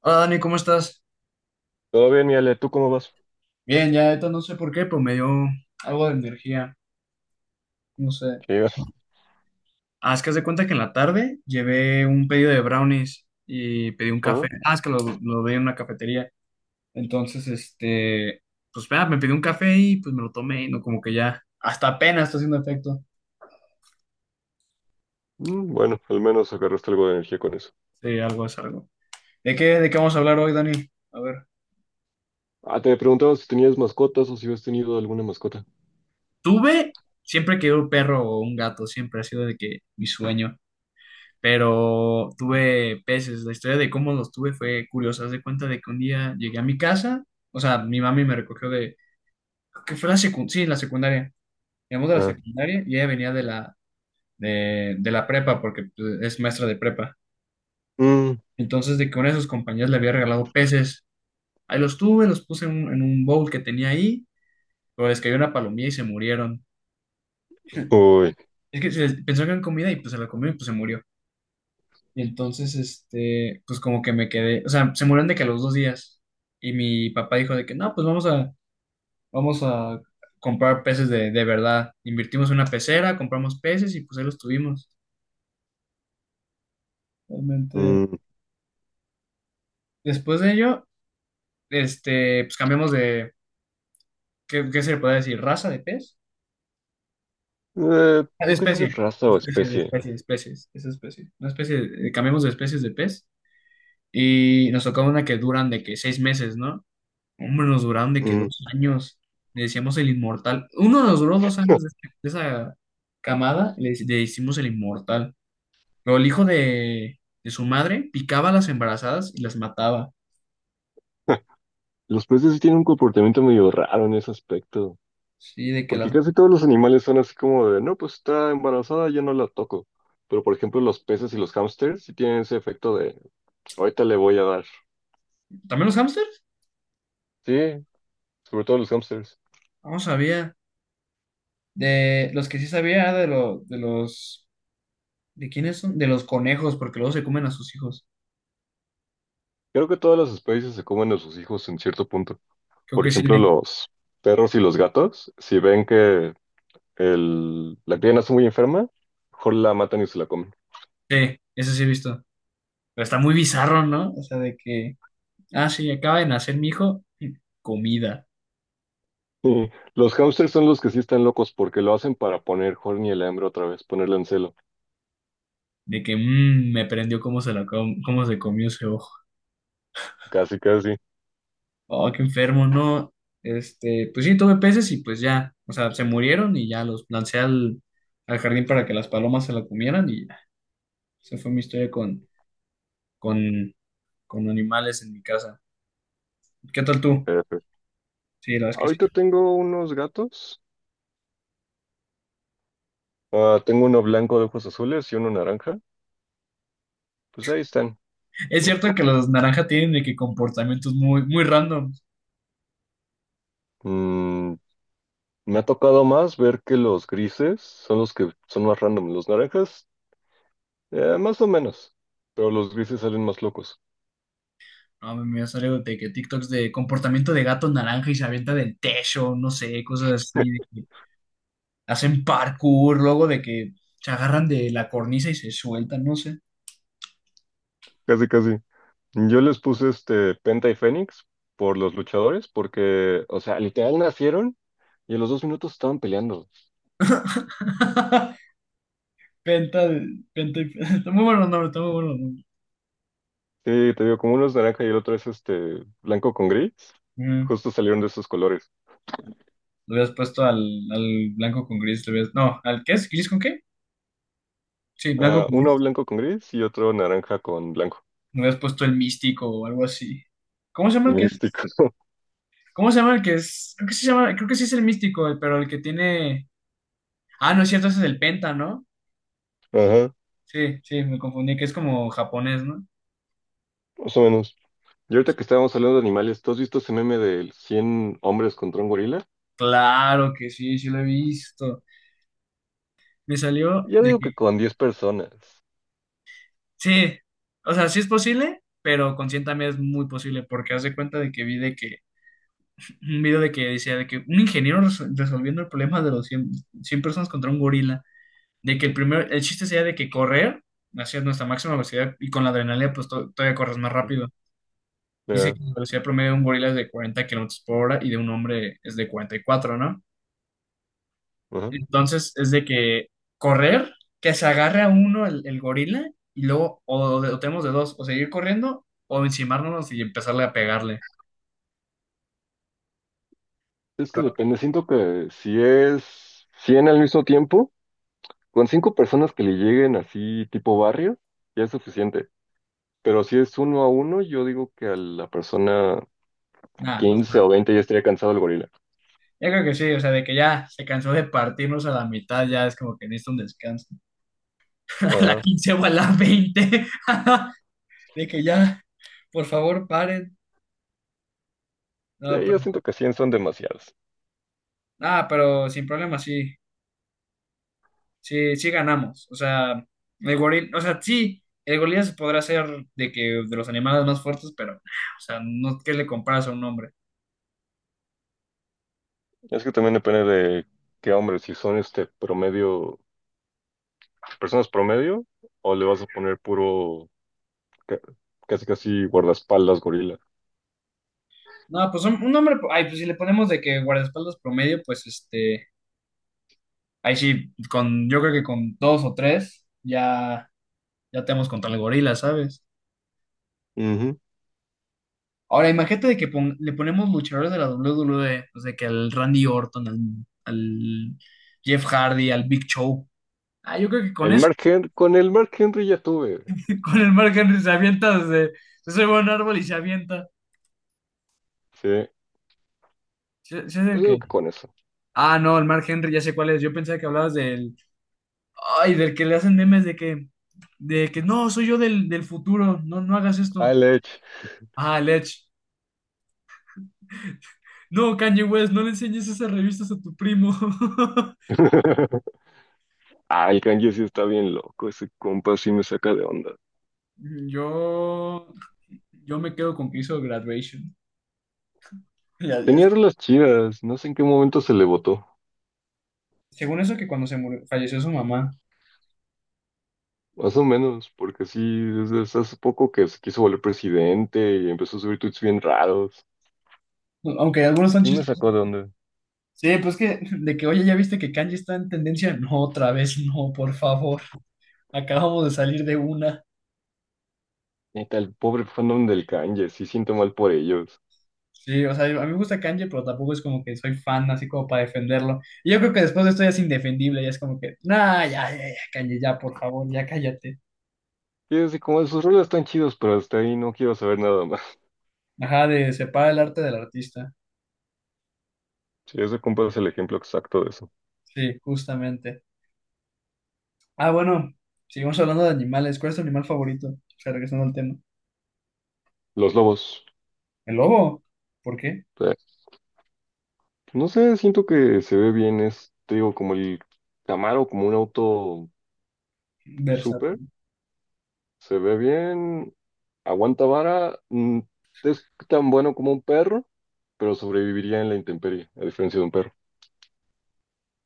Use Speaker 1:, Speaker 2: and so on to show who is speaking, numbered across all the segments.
Speaker 1: Hola Dani, ¿cómo estás?
Speaker 2: Todo bien, mi Ale, ¿tú cómo vas?
Speaker 1: Bien, ya ahorita no sé por qué, pero me dio algo de energía, no sé.
Speaker 2: ¿Qué
Speaker 1: Ah, es que haz de cuenta que en la tarde llevé un pedido de brownies y pedí un
Speaker 2: Ah,
Speaker 1: café. Ah, es que lo vi en una cafetería. Entonces, pues vea, me pedí un café y pues me lo tomé y no como que ya, hasta apenas está haciendo efecto.
Speaker 2: bueno, al menos agarraste algo de energía con eso.
Speaker 1: Sí, algo es algo. ¿De qué vamos a hablar hoy, Dani? A ver.
Speaker 2: Ah, te preguntaba si tenías mascotas o si habías tenido alguna mascota.
Speaker 1: Tuve, siempre quería un perro o un gato, siempre ha sido de que mi sueño. Pero tuve peces. La historia de cómo los tuve fue curiosa. Haz de cuenta de que un día llegué a mi casa, o sea, mi mami me recogió de, creo que fue la secundaria, sí, la secundaria. Llegamos de la
Speaker 2: Ah,
Speaker 1: secundaria y ella venía de la prepa, porque pues, es maestra de prepa.
Speaker 2: mm,
Speaker 1: Entonces, de que una de sus compañeras le había regalado peces. Ahí los tuve, los puse en un bowl que tenía ahí, pero les cayó una palomilla y se murieron.
Speaker 2: uy,
Speaker 1: Es que pensó que eran comida y pues se la comió y pues se murió. Y entonces, pues como que me quedé, o sea, se murieron de que a los 2 días. Y mi papá dijo de que, no, pues vamos a comprar peces de verdad. Invertimos en una pecera, compramos peces y pues ahí los tuvimos. Realmente.
Speaker 2: mm.
Speaker 1: Después de ello, pues cambiamos de, ¿qué se le puede decir? ¿Raza de pez? Ah, de
Speaker 2: Creo que sí es
Speaker 1: especie,
Speaker 2: raza o especie.
Speaker 1: especie, de especies, esa especie. Una especie, cambiamos de especies de pez y nos tocó una que duran de que 6 meses, ¿no? Hombre, nos duraron de que
Speaker 2: Mm.
Speaker 1: 2 años. Le decíamos el inmortal. Uno nos duró 2 años de, de esa camada, le hicimos el inmortal. Pero el hijo de su madre picaba a las embarazadas y las mataba.
Speaker 2: Los peces sí tienen un comportamiento medio raro en ese aspecto,
Speaker 1: Sí, de que
Speaker 2: porque
Speaker 1: las...
Speaker 2: casi todos los animales son así como de, no, pues está embarazada, ya no la toco. Pero por ejemplo, los peces y los hámsters sí tienen ese efecto de, ahorita le voy a dar.
Speaker 1: ¿También los hámsters?
Speaker 2: Sí, sobre todo los hámsters.
Speaker 1: No sabía. De los que sí sabía de, lo, de los... ¿De quiénes son? De los conejos, porque luego se comen a sus hijos.
Speaker 2: Creo que todas las especies se comen a sus hijos en cierto punto.
Speaker 1: Creo
Speaker 2: Por
Speaker 1: que sí.
Speaker 2: ejemplo,
Speaker 1: Sí.
Speaker 2: los perros y los gatos, si ven que la cría nace muy enferma, mejor la matan y se la comen.
Speaker 1: Sí, eso sí he visto. Pero está muy bizarro, ¿no? O sea, de que... Ah, sí, acaba de nacer mi hijo. Comida.
Speaker 2: Y los hámsters son los que sí están locos porque lo hacen para poner Horny el hambre otra vez, ponerle en celo.
Speaker 1: De que me prendió cómo cómo se comió ese ojo.
Speaker 2: Casi, casi.
Speaker 1: Oh, qué enfermo, ¿no? Pues sí, tuve peces y pues ya, o sea, se murieron y ya los lancé al jardín para que las palomas se la comieran y ya. Esa fue mi historia con, con animales en mi casa. ¿Qué tal tú?
Speaker 2: F.
Speaker 1: Sí, la verdad es que sí.
Speaker 2: Ahorita tengo unos gatos. Ah, tengo uno blanco de ojos azules y uno naranja. Pues ahí están.
Speaker 1: Es cierto que los naranjas tienen de que comportamientos muy, muy random.
Speaker 2: Mm, me ha tocado más ver que los grises son los que son más random. Los naranjas Más o menos, pero los grises salen más locos.
Speaker 1: No, me salió de que TikToks de comportamiento de gato naranja y se avienta del techo, no sé, cosas así. Hacen parkour, luego de que se agarran de la cornisa y se sueltan, no sé.
Speaker 2: Casi, casi. Yo les puse Penta y Fénix por los luchadores, porque, o sea, literal nacieron y a los 2 minutos estaban peleando.
Speaker 1: Penta, penta y está muy bueno el nombre, está muy bueno el nombre.
Speaker 2: Sí, te digo, como uno es naranja y el otro es blanco con gris,
Speaker 1: Mm.
Speaker 2: justo salieron de esos colores.
Speaker 1: Lo hubieras puesto al blanco con gris, lo hubieras... No, ¿al qué es? ¿Gris con qué? Sí, blanco
Speaker 2: Ah,
Speaker 1: con gris.
Speaker 2: uno blanco con gris y otro naranja con blanco.
Speaker 1: Lo hubieras puesto el místico o algo así. ¿Cómo se llama
Speaker 2: El
Speaker 1: el que es?
Speaker 2: místico.
Speaker 1: ¿Cómo se llama el que es? Creo que sí se llama, creo que sí es el místico, pero el que tiene. Ah, no es cierto, ese es el penta, ¿no?
Speaker 2: Ajá,
Speaker 1: Sí, sí, me confundí, que es como japonés, ¿no?
Speaker 2: más o menos. Y ahorita que estábamos hablando de animales, ¿tú has visto ese meme de 100 hombres contra un gorila?
Speaker 1: Claro que sí, sí lo he visto. Me salió
Speaker 2: Ya
Speaker 1: de
Speaker 2: digo que
Speaker 1: que,
Speaker 2: con 10 personas.
Speaker 1: sí, o sea, sí es posible, pero con 100 también es muy posible, porque haz de cuenta de que vi de que, un video de que decía de que un ingeniero resolviendo el problema de los 100, 100 personas contra un gorila, de que el chiste sería de que correr hacia nuestra máxima velocidad y con la adrenalina pues todavía corres más rápido. Dice que
Speaker 2: Ya,
Speaker 1: la velocidad promedio de un gorila es de 40 kilómetros por hora y de un hombre es de 44, ¿no?
Speaker 2: ajá.
Speaker 1: Entonces es de que correr, que se agarre a uno el gorila y luego o tenemos de dos, o seguir corriendo o encimarnos y empezarle a pegarle.
Speaker 2: Es que
Speaker 1: Pero
Speaker 2: depende, siento que si es 100 al mismo tiempo, con cinco personas que le lleguen así tipo barrio, ya es suficiente. Pero si es uno a uno, yo digo que a la persona
Speaker 1: nada, no, sé.
Speaker 2: 15 o 20 ya estaría cansado el gorila.
Speaker 1: Yo creo que sí, o sea, de que ya se cansó de partirnos a la mitad, ya es como que necesita un descanso. A la
Speaker 2: Ajá.
Speaker 1: 15 o a la veinte. De que ya, por favor, paren. No,
Speaker 2: Sí, yo
Speaker 1: pero,
Speaker 2: siento que 100 son demasiadas.
Speaker 1: ah, pero sin problema, sí. Sí, sí ganamos. O sea, el gorila, o sea, sí, el gorila se podrá hacer de que de los animales más fuertes, pero nah, o sea, no que le comparas a un hombre.
Speaker 2: Es que también depende de qué hombres si son promedio, personas promedio, o le vas a poner puro, ca- casi casi guardaespaldas gorila.
Speaker 1: No, pues un hombre, ay, pues si le ponemos de que guardaespaldas promedio, pues ahí sí, con, yo creo que con dos o tres, ya, ya tenemos contra el gorila, ¿sabes?
Speaker 2: Ujú.
Speaker 1: Ahora, imagínate de que le ponemos luchadores de la WWE, pues de que al Randy Orton, al Jeff Hardy, al Big Show. Ah, yo creo que con eso.
Speaker 2: Con el Mark Henry ya tuve.
Speaker 1: Con el Mark Henry se avienta desde. Se sube soy buen árbol y se avienta.
Speaker 2: Sí,
Speaker 1: ¿Sí, sí es
Speaker 2: yo
Speaker 1: el
Speaker 2: digo
Speaker 1: que?
Speaker 2: que con eso.
Speaker 1: Ah, no, el Mark Henry, ya sé cuál es. Yo pensaba que hablabas del. Ay, del que le hacen memes de que. De que no, soy yo del futuro. No, no hagas esto.
Speaker 2: Al Edge.
Speaker 1: Ah, el Edge. No, Kanye West, no le enseñes esas revistas a tu primo.
Speaker 2: Ah, el Kanye sí está bien loco, ese compa sí me saca de onda.
Speaker 1: Yo. Yo me quedo con que hizo Graduation. Ya- ya es-
Speaker 2: Tenía las chidas, no sé en qué momento se le votó,
Speaker 1: Según eso, que cuando se murió, falleció su mamá.
Speaker 2: más o menos, porque sí, desde hace poco que se quiso volver presidente y empezó a subir tweets bien raros.
Speaker 1: Aunque algunos son
Speaker 2: Sí me
Speaker 1: chistes.
Speaker 2: sacó de onda.
Speaker 1: Sí, pues que, de que, oye, ¿ya viste que Kanji está en tendencia? No, otra vez no, por favor. Acabamos de salir de una.
Speaker 2: Neta, el pobre fandom del Kanye, sí siento mal por ellos.
Speaker 1: Sí, o sea, a mí me gusta Kanji, pero tampoco es como que soy fan, así como para defenderlo. Y yo creo que después de esto ya es indefendible, ya es como que, nah, ya, ya, ya, Kanji, ya, por favor, ya cállate.
Speaker 2: Y es así como sus rolas están chidos, pero hasta ahí no quiero saber nada más.
Speaker 1: Ajá, de separa el arte del artista.
Speaker 2: Sí, ese compa es el ejemplo exacto de eso.
Speaker 1: Sí, justamente. Ah, bueno, seguimos hablando de animales. ¿Cuál es tu animal favorito? O sea, regresando al tema.
Speaker 2: Los lobos.
Speaker 1: ¿El lobo? ¿Por qué?
Speaker 2: No sé, siento que se ve bien, es, te digo, como el Camaro, como un auto
Speaker 1: Versátil.
Speaker 2: súper, se ve bien, aguanta vara, es tan bueno como un perro, pero sobreviviría en la intemperie, a diferencia de un perro.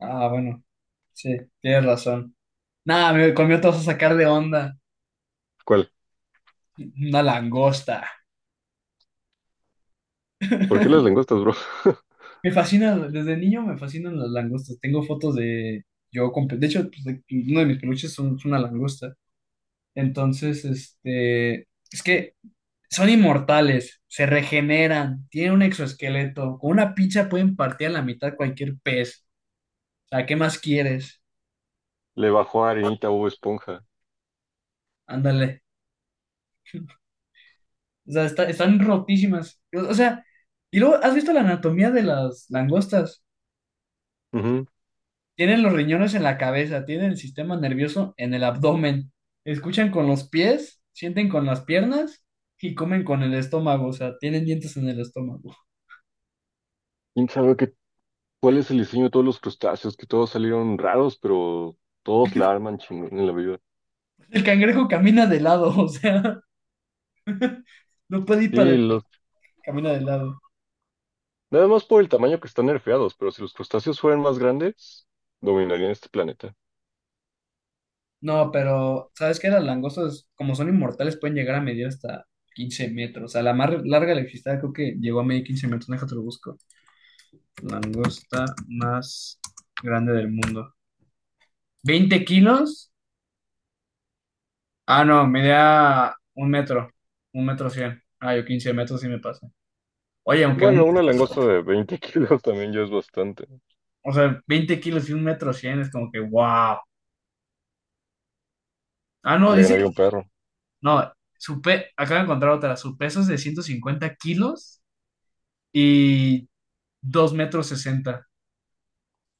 Speaker 1: Ah, bueno, sí, tienes razón. Nada, conmigo te vas a sacar de onda.
Speaker 2: ¿Cuál?
Speaker 1: Una langosta.
Speaker 2: ¿Por qué las langostas, bro?
Speaker 1: Me fascina, desde niño me fascinan las langostas. Tengo fotos de yo con, de hecho, pues, uno de mis peluches es una langosta. Entonces, es que son inmortales, se regeneran, tienen un exoesqueleto. Con una pincha pueden partir a la mitad cualquier pez. O sea, ¿qué más quieres?
Speaker 2: Le bajó a Arenita Bob Esponja.
Speaker 1: Ándale. O sea, están rotísimas. O sea, y luego, ¿has visto la anatomía de las langostas?
Speaker 2: Ujú.
Speaker 1: Tienen los riñones en la cabeza, tienen el sistema nervioso en el abdomen, escuchan con los pies, sienten con las piernas y comen con el estómago, o sea, tienen dientes en el estómago.
Speaker 2: ¿Quién sabe qué, cuál es el diseño de todos los crustáceos? Que todos salieron raros, pero todos la arman chingón en la vida.
Speaker 1: El cangrejo camina de lado, o sea, no puede ir
Speaker 2: Sí,
Speaker 1: para adelante, camina de lado.
Speaker 2: nada más por el tamaño que están nerfeados, pero si los crustáceos fueran más grandes, dominarían este planeta.
Speaker 1: No, pero ¿sabes qué? Las langostas, como son inmortales, pueden llegar a medir hasta 15 metros. O sea, la más larga electricidad creo que llegó a medir 15 metros. Déjate lo busco. Langosta más grande del mundo. ¿20 kilos? Ah, no, medía un metro cien. Ah, yo 15 metros sí me pasé. Oye, aunque un,
Speaker 2: Bueno, una langosta de 20 kilos también ya es bastante.
Speaker 1: o sea, 20 kilos y un metro cien es como que, wow. Ah, no,
Speaker 2: Le
Speaker 1: dice,
Speaker 2: ganaría un perro.
Speaker 1: no, acabo de encontrar otra, su peso es de 150 kilos y 2 metros 60.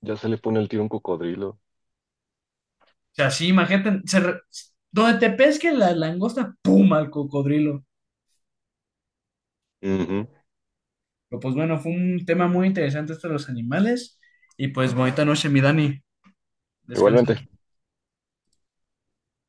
Speaker 2: Ya se le pone el tiro a un cocodrilo.
Speaker 1: O sea, sí, imagínate, donde te pesque la langosta, ¡pum!, al cocodrilo.
Speaker 2: Ujú.
Speaker 1: Pero pues bueno, fue un tema muy interesante esto de los animales. Y pues bonita noche, mi Dani. Descansa.
Speaker 2: Igualmente.